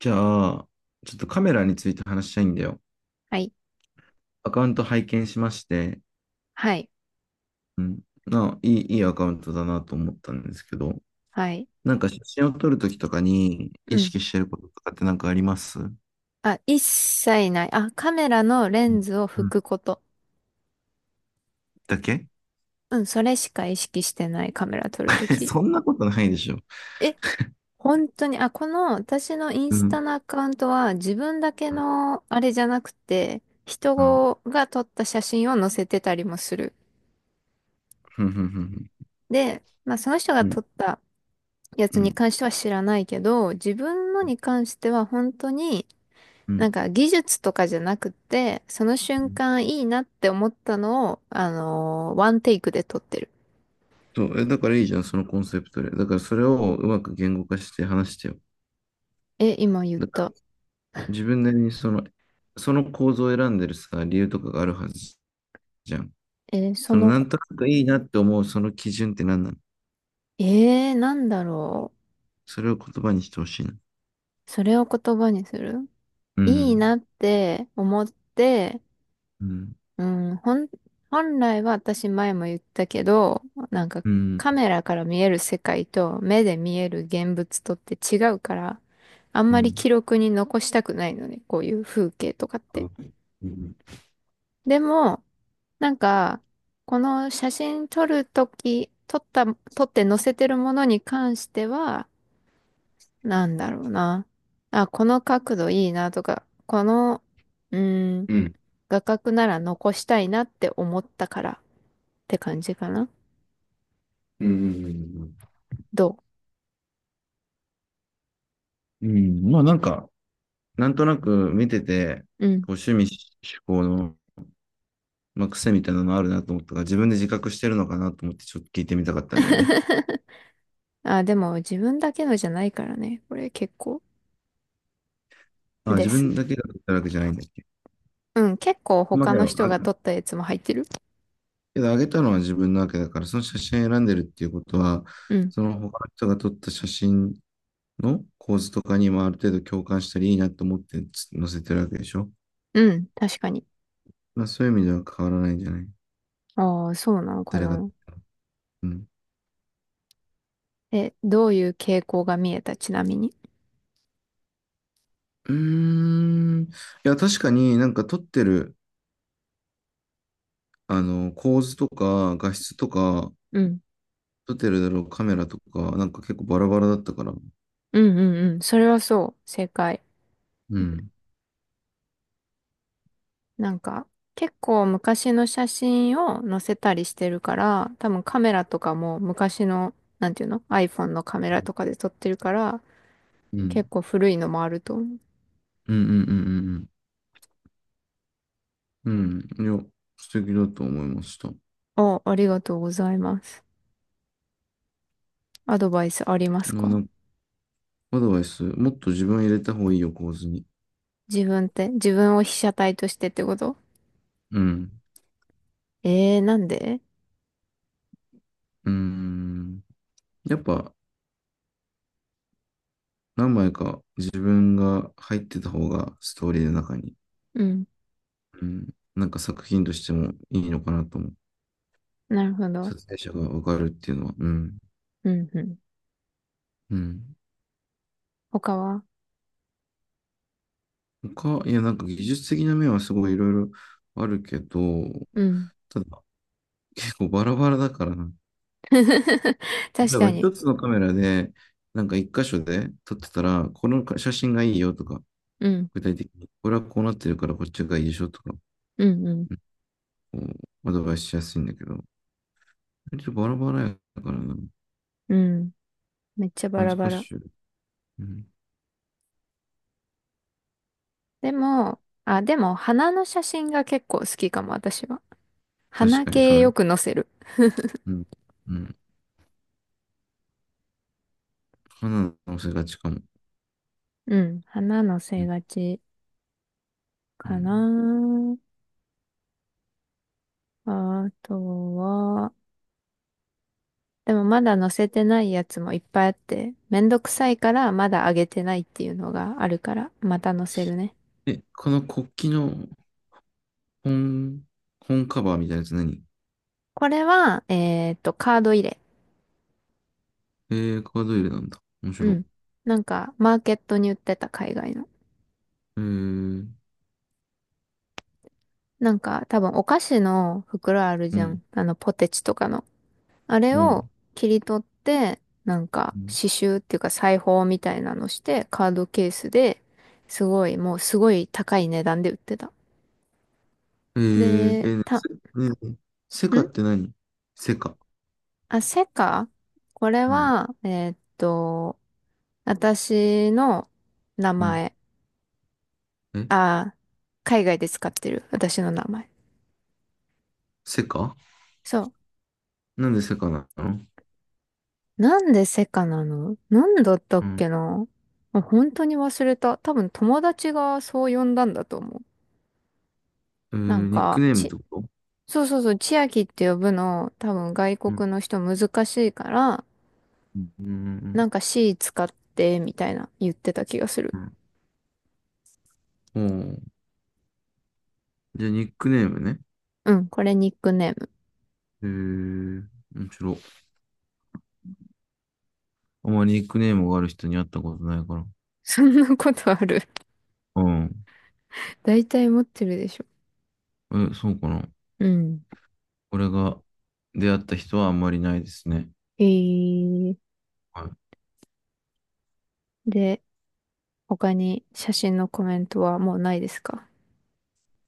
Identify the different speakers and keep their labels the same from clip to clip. Speaker 1: じゃあ、ちょっとカメラについて話したいんだよ。
Speaker 2: はい。
Speaker 1: アカウント拝見しまして、
Speaker 2: はい。
Speaker 1: うん、な、いい、いいアカウントだなと思ったんですけど、
Speaker 2: はい。
Speaker 1: なんか写真を撮るときとかに
Speaker 2: う
Speaker 1: 意
Speaker 2: ん。
Speaker 1: 識してることとかってなんかあります？うん。
Speaker 2: あ、一切ない。あ、カメラのレンズを
Speaker 1: う
Speaker 2: 拭
Speaker 1: ん
Speaker 2: くこと。
Speaker 1: だけ。
Speaker 2: うん、それしか意識してないカメラ撮ると き。
Speaker 1: そんなことないでしょ。
Speaker 2: え、本当に、あ、この私のイン
Speaker 1: う
Speaker 2: ス
Speaker 1: ん。
Speaker 2: タのアカウントは自分だけ
Speaker 1: うん。
Speaker 2: のあれじゃなくて、人
Speaker 1: うん。
Speaker 2: が撮った写真を載せてたりもする。
Speaker 1: うん。
Speaker 2: で、まあその人が
Speaker 1: う
Speaker 2: 撮
Speaker 1: ん。
Speaker 2: ったや
Speaker 1: う
Speaker 2: つ
Speaker 1: ん。う
Speaker 2: に
Speaker 1: ん
Speaker 2: 関しては知らないけど、自分のに関しては本当になん
Speaker 1: う
Speaker 2: か技術とかじゃなくて、その瞬
Speaker 1: ん。
Speaker 2: 間いいなって思ったのを、ワンテイクで撮ってる。
Speaker 1: そう、え、だからいいじゃん、そのコンセプトで。だからそれをうまく言語化して話してよ。
Speaker 2: え、今言っ
Speaker 1: だか
Speaker 2: た。
Speaker 1: ら自分なりにその構造を選んでるさ、理由とかがあるはずじゃん。
Speaker 2: え、そ
Speaker 1: その
Speaker 2: の、
Speaker 1: なんとなくいいなって思うその基準って何なの？
Speaker 2: なんだろ
Speaker 1: それを言葉にしてほしいな。
Speaker 2: う。それを言葉にする
Speaker 1: う
Speaker 2: いい
Speaker 1: ん。
Speaker 2: なって思って、
Speaker 1: うん。
Speaker 2: うん、本来は私前も言ったけど、なんか
Speaker 1: うん。
Speaker 2: カメラから見える世界と目で見える現物とって違うから、あん
Speaker 1: う
Speaker 2: まり
Speaker 1: ん。
Speaker 2: 記録に残したくないのね、こういう風景とかっ
Speaker 1: う
Speaker 2: て。
Speaker 1: ん。う
Speaker 2: でも、なんか、この写真撮るとき、撮った、撮って載せてるものに関しては、なんだろうな。あ、この角度いいなとか、この、うーん、
Speaker 1: ん。
Speaker 2: 画角なら残したいなって思ったからって感じかな。
Speaker 1: うん。
Speaker 2: ど
Speaker 1: うん。まあなんか、なんとなく見てて、
Speaker 2: ううん。
Speaker 1: こう趣味嗜好の、まあ、癖みたいなのあるなと思ったから、自分で自覚してるのかなと思ってちょっと聞いてみたかったんだよね。
Speaker 2: あ、でも自分だけのじゃないからね。これ結構
Speaker 1: あ、
Speaker 2: で
Speaker 1: 自
Speaker 2: す。
Speaker 1: 分だけが撮ったわけじゃないんだっけ。
Speaker 2: うん、結構
Speaker 1: まあ
Speaker 2: 他
Speaker 1: け
Speaker 2: の
Speaker 1: ど、
Speaker 2: 人
Speaker 1: あ、
Speaker 2: が撮ったやつも入ってる。
Speaker 1: けどあげたのは自分なわけだから、その写真選んでるっていうことは、
Speaker 2: うん。
Speaker 1: その他の人が撮った写真の構図とかにもある程度共感したりいいなと思って載せてるわけでしょ。
Speaker 2: うん、確かに。
Speaker 1: まあ、そういう意味では変わらないんじゃない？
Speaker 2: ああ、そうなのか
Speaker 1: 誰が。
Speaker 2: な。
Speaker 1: うん。
Speaker 2: え、どういう傾向が見えた、ちなみに。
Speaker 1: うーん。いや、確かになんか撮ってる、あの、構図とか画質とか、
Speaker 2: うん。
Speaker 1: 撮ってるだろうカメラとか、なんか結構バラバラだったから。
Speaker 2: うんうんうん。それはそう。正解。
Speaker 1: うん。
Speaker 2: なんか、結構昔の写真を載せたりしてるから、多分カメラとかも昔の、なんていうの？ iPhone のカメラとかで撮ってるから、
Speaker 1: う
Speaker 2: 結
Speaker 1: ん。
Speaker 2: 構古いのもあると思う。
Speaker 1: うんうんうんうんうん。うん。いや、素敵だと思いました。
Speaker 2: あ、ありがとうございます。アドバイスあります
Speaker 1: な、な
Speaker 2: か？
Speaker 1: んかアドバイス、もっと自分を入れた方がいいよ、構図に。
Speaker 2: 自分って、自分を被写体としてってこと？
Speaker 1: うん。
Speaker 2: えー、なんで？
Speaker 1: うーん。やっぱ、何枚か自分が入ってた方がストーリーの中に、
Speaker 2: うん。
Speaker 1: うん、なんか作品としてもいいのかなと思う。
Speaker 2: なるほ
Speaker 1: 撮
Speaker 2: ど。
Speaker 1: 影者がわかるっていうのは。うん。
Speaker 2: うんうん。
Speaker 1: うん。
Speaker 2: 他は？
Speaker 1: 他、いや、なんか技術的な面はすごいいろいろあるけど、
Speaker 2: うん。
Speaker 1: ただ結構バラバラだからな。
Speaker 2: 確
Speaker 1: 例え
Speaker 2: か
Speaker 1: ば一
Speaker 2: に。
Speaker 1: つのカメラで、なんか一箇所で撮ってたら、この写真がいいよとか、
Speaker 2: うん、
Speaker 1: 具体的に、これはこうなってるからこっちがいいでしょとか、
Speaker 2: うん、うん、
Speaker 1: うん、こうアドバイスしやすいんだけど、割とバラバラやからな。
Speaker 2: うん。めっちゃバ
Speaker 1: 難
Speaker 2: ラバラ。
Speaker 1: しい。うん、
Speaker 2: でも、あ、でも、花の写真が結構好きかも、私は。
Speaker 1: 確
Speaker 2: 花
Speaker 1: かにそ
Speaker 2: 系
Speaker 1: うだ
Speaker 2: よ
Speaker 1: ね。
Speaker 2: く載せる。
Speaker 1: うん。うん。花の乗せがちかも。
Speaker 2: うん、花載
Speaker 1: う
Speaker 2: せ
Speaker 1: ん。
Speaker 2: がち
Speaker 1: う
Speaker 2: か
Speaker 1: ん、
Speaker 2: な。あとは、でもまだ載せてないやつもいっぱいあって、めんどくさいからまだ上げてないっていうのがあるから、また載せるね。
Speaker 1: え、この国旗の本、本カバーみたいなやつ何？
Speaker 2: これは、カード入れ。
Speaker 1: えカード入れなんだ。面
Speaker 2: う
Speaker 1: 白い。
Speaker 2: ん。なんか、マーケットに売ってた海外の。
Speaker 1: えー、
Speaker 2: なんか多分お菓子の袋ある
Speaker 1: う
Speaker 2: じゃ
Speaker 1: ん、
Speaker 2: ん。あのポテチとかの。あれ
Speaker 1: う
Speaker 2: を
Speaker 1: ん。
Speaker 2: 切り取って、なんか
Speaker 1: うん。
Speaker 2: 刺繍っていうか裁縫みたいなのしてカードケースですごいもうすごい高い値段で売ってた。
Speaker 1: えー、
Speaker 2: で、
Speaker 1: えー、ね
Speaker 2: た、
Speaker 1: せねセカって
Speaker 2: ん、
Speaker 1: 何？セカ。
Speaker 2: あ、セカ、これ
Speaker 1: うん、
Speaker 2: は、私の名
Speaker 1: うん。
Speaker 2: 前。
Speaker 1: え、
Speaker 2: あー、海外で使ってる私の名前。
Speaker 1: セカ。
Speaker 2: そう。
Speaker 1: なんでセカなの？
Speaker 2: なんでセカなの？なんだった
Speaker 1: う
Speaker 2: っ
Speaker 1: ん。
Speaker 2: けな、あ、本当に忘れた。多分友達がそう呼んだんだと思う。なん
Speaker 1: ニック
Speaker 2: か、
Speaker 1: ネームっ
Speaker 2: ち、
Speaker 1: てこと？
Speaker 2: そうそうそう、千秋って呼ぶの、多分外
Speaker 1: うん、
Speaker 2: 国の人難しいから、
Speaker 1: うん、う
Speaker 2: な
Speaker 1: ん、
Speaker 2: んか C 使って、みたいな言ってた気がする。
Speaker 1: うん。うん。おー、じゃあ、ニックネームね。
Speaker 2: うん、これニックネーム。
Speaker 1: へえ、面白い。あまりニックネームがある人に会ったことないから。
Speaker 2: そんなことある。
Speaker 1: うん。
Speaker 2: 大体持ってるでしょ。
Speaker 1: え、そうかな。
Speaker 2: うん。
Speaker 1: 俺が出会った人はあんまりないですね。
Speaker 2: えー、
Speaker 1: はい。
Speaker 2: で、他に写真のコメントはもうないですか？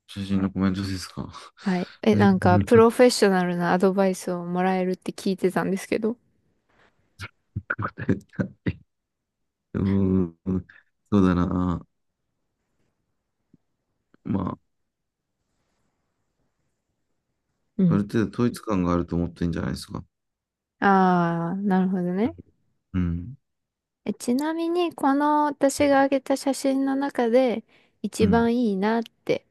Speaker 1: 写真のコメントですか。
Speaker 2: はい。え、
Speaker 1: うん。
Speaker 2: なんか、プロフェッショナルなアドバイスをもらえるって聞いてたんですけど。
Speaker 1: 答えた。うーん。そうだな。ま
Speaker 2: う
Speaker 1: あ、あ
Speaker 2: ん。
Speaker 1: る程度統一感があると思ってんじゃないですか。
Speaker 2: ああ、なるほどね。
Speaker 1: うん。
Speaker 2: え、ちなみに、この私が上げた写真の中で、一
Speaker 1: うん。
Speaker 2: 番いいなって、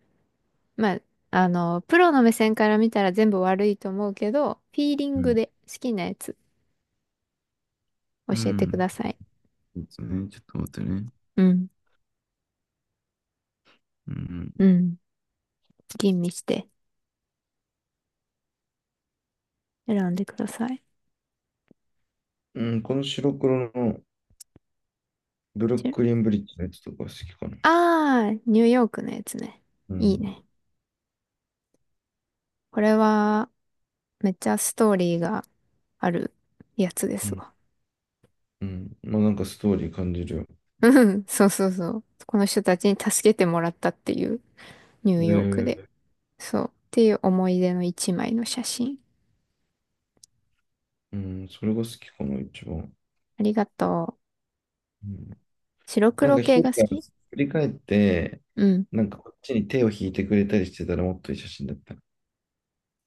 Speaker 2: まあ、あの、プロの目線から見たら全部悪いと思うけど、フィーリ
Speaker 1: う
Speaker 2: ング
Speaker 1: ん。
Speaker 2: で好きなやつ
Speaker 1: う
Speaker 2: 教えてくだ
Speaker 1: ん。
Speaker 2: さい。
Speaker 1: そうですね。ちょっと待ってね。
Speaker 2: うん。
Speaker 1: うん。
Speaker 2: うん。吟味して選んでください。
Speaker 1: うん、この白黒のブルックリンブリッジのやつとか好きかな。
Speaker 2: ああー、ニューヨークのやつね。
Speaker 1: う
Speaker 2: いい
Speaker 1: ん。
Speaker 2: ね。これは、めっちゃストーリーがあるやつで
Speaker 1: う
Speaker 2: す
Speaker 1: ん
Speaker 2: わ。
Speaker 1: うん。まあなんかストーリー感じるよ。
Speaker 2: うん そうそうそう。この人たちに助けてもらったっていう、ニューヨークで。
Speaker 1: で、
Speaker 2: そう。っていう思い出の一枚の写真。
Speaker 1: うん、それが好きかな、一番。
Speaker 2: ありがとう。
Speaker 1: うん。
Speaker 2: 白
Speaker 1: なん
Speaker 2: 黒
Speaker 1: か一
Speaker 2: 系
Speaker 1: 人
Speaker 2: が好
Speaker 1: が
Speaker 2: き？
Speaker 1: 振り返って、
Speaker 2: うん。
Speaker 1: なんかこっちに手を引いてくれたりしてたらもっといい写真だった。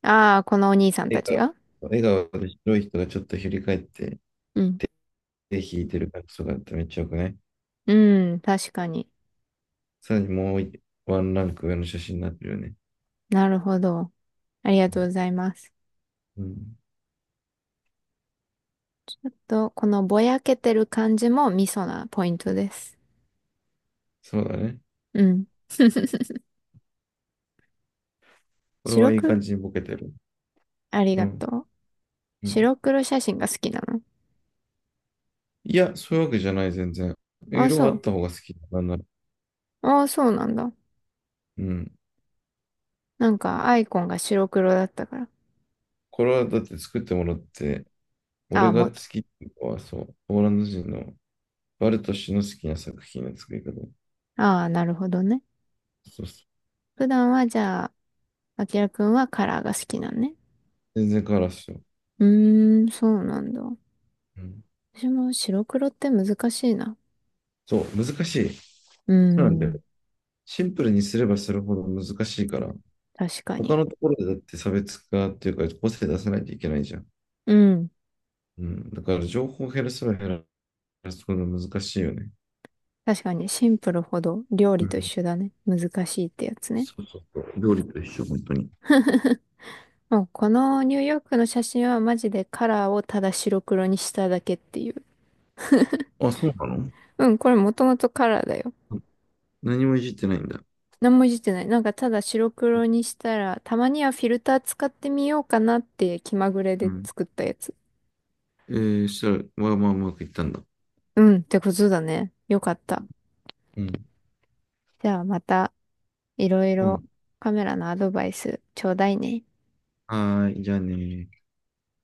Speaker 2: ああ、このお兄さんた
Speaker 1: 笑
Speaker 2: ち
Speaker 1: 顔、
Speaker 2: が、
Speaker 1: 笑顔で白い人がちょっと振り返って
Speaker 2: うん。
Speaker 1: 手引いてる感じとかだったらめっちゃよくない？
Speaker 2: うん、確かに。
Speaker 1: さらにもうワンランク上の写真になってるよね。
Speaker 2: なるほど。ありが
Speaker 1: う
Speaker 2: とう
Speaker 1: ん。
Speaker 2: ございます。
Speaker 1: うん。
Speaker 2: あと、このぼやけてる感じもミソなポイントです。
Speaker 1: そうだね。
Speaker 2: うん。
Speaker 1: これ
Speaker 2: 白
Speaker 1: はいい感
Speaker 2: 黒、
Speaker 1: じにボケてる。
Speaker 2: あり
Speaker 1: う
Speaker 2: が
Speaker 1: ん。
Speaker 2: とう。
Speaker 1: うん。
Speaker 2: 白黒写真が好きなの？
Speaker 1: いや、そういうわけじゃない、全然。
Speaker 2: あ、
Speaker 1: 色
Speaker 2: そ
Speaker 1: はあっ
Speaker 2: う。
Speaker 1: た方が好きだなんなら。
Speaker 2: あ、そうなんだ。
Speaker 1: うん。
Speaker 2: なんか、アイコンが白黒だったから。
Speaker 1: これはだって作ってもらって、
Speaker 2: あ
Speaker 1: 俺
Speaker 2: あ、
Speaker 1: が
Speaker 2: も
Speaker 1: 好
Speaker 2: う、
Speaker 1: きっていうのは、そう、ポーランド人のバルト氏の好きな作品の作り方。
Speaker 2: ああ、なるほどね。
Speaker 1: そうそう。
Speaker 2: 普段は、じゃあ、あきらくんはカラーが好きなんね。
Speaker 1: 全然変わらすよ。
Speaker 2: うーん、そうなんだ。
Speaker 1: うん。
Speaker 2: 私も白黒って難しいな。
Speaker 1: そう、難しい。
Speaker 2: うー
Speaker 1: そうなんだ
Speaker 2: ん、
Speaker 1: よ。シンプルにすればするほど難しいから、
Speaker 2: 確か
Speaker 1: 他
Speaker 2: に。
Speaker 1: のところでだって差別化っていうか、個性出さないといけないじゃん。
Speaker 2: うん、
Speaker 1: うん。だから情報を減らせば減らすほど難しいよね。
Speaker 2: 確かに、シンプルほど料
Speaker 1: う
Speaker 2: 理と一
Speaker 1: ん。
Speaker 2: 緒だね。難しいってやつね。
Speaker 1: そうそうそう。料理と一緒、本当に。
Speaker 2: もう、このニューヨークの写真はマジでカラーをただ白黒にしただけっていう。
Speaker 1: あ、そうなの？
Speaker 2: うん、これもともとカラーだよ。
Speaker 1: 何もいじってないんだ。
Speaker 2: 何もいじってない。なんかただ白黒にしたら、たまにはフィルター使ってみようかなって気まぐれ
Speaker 1: う
Speaker 2: で
Speaker 1: ん。
Speaker 2: 作ったやつ。
Speaker 1: えそしたら、まあまあうまくいったんだ。
Speaker 2: うん、ってことだね。よかった。
Speaker 1: うん。
Speaker 2: じゃあまたいろい
Speaker 1: う
Speaker 2: ろ
Speaker 1: ん。
Speaker 2: カメラのアドバイスちょうだいね。
Speaker 1: はーい、じゃあねー。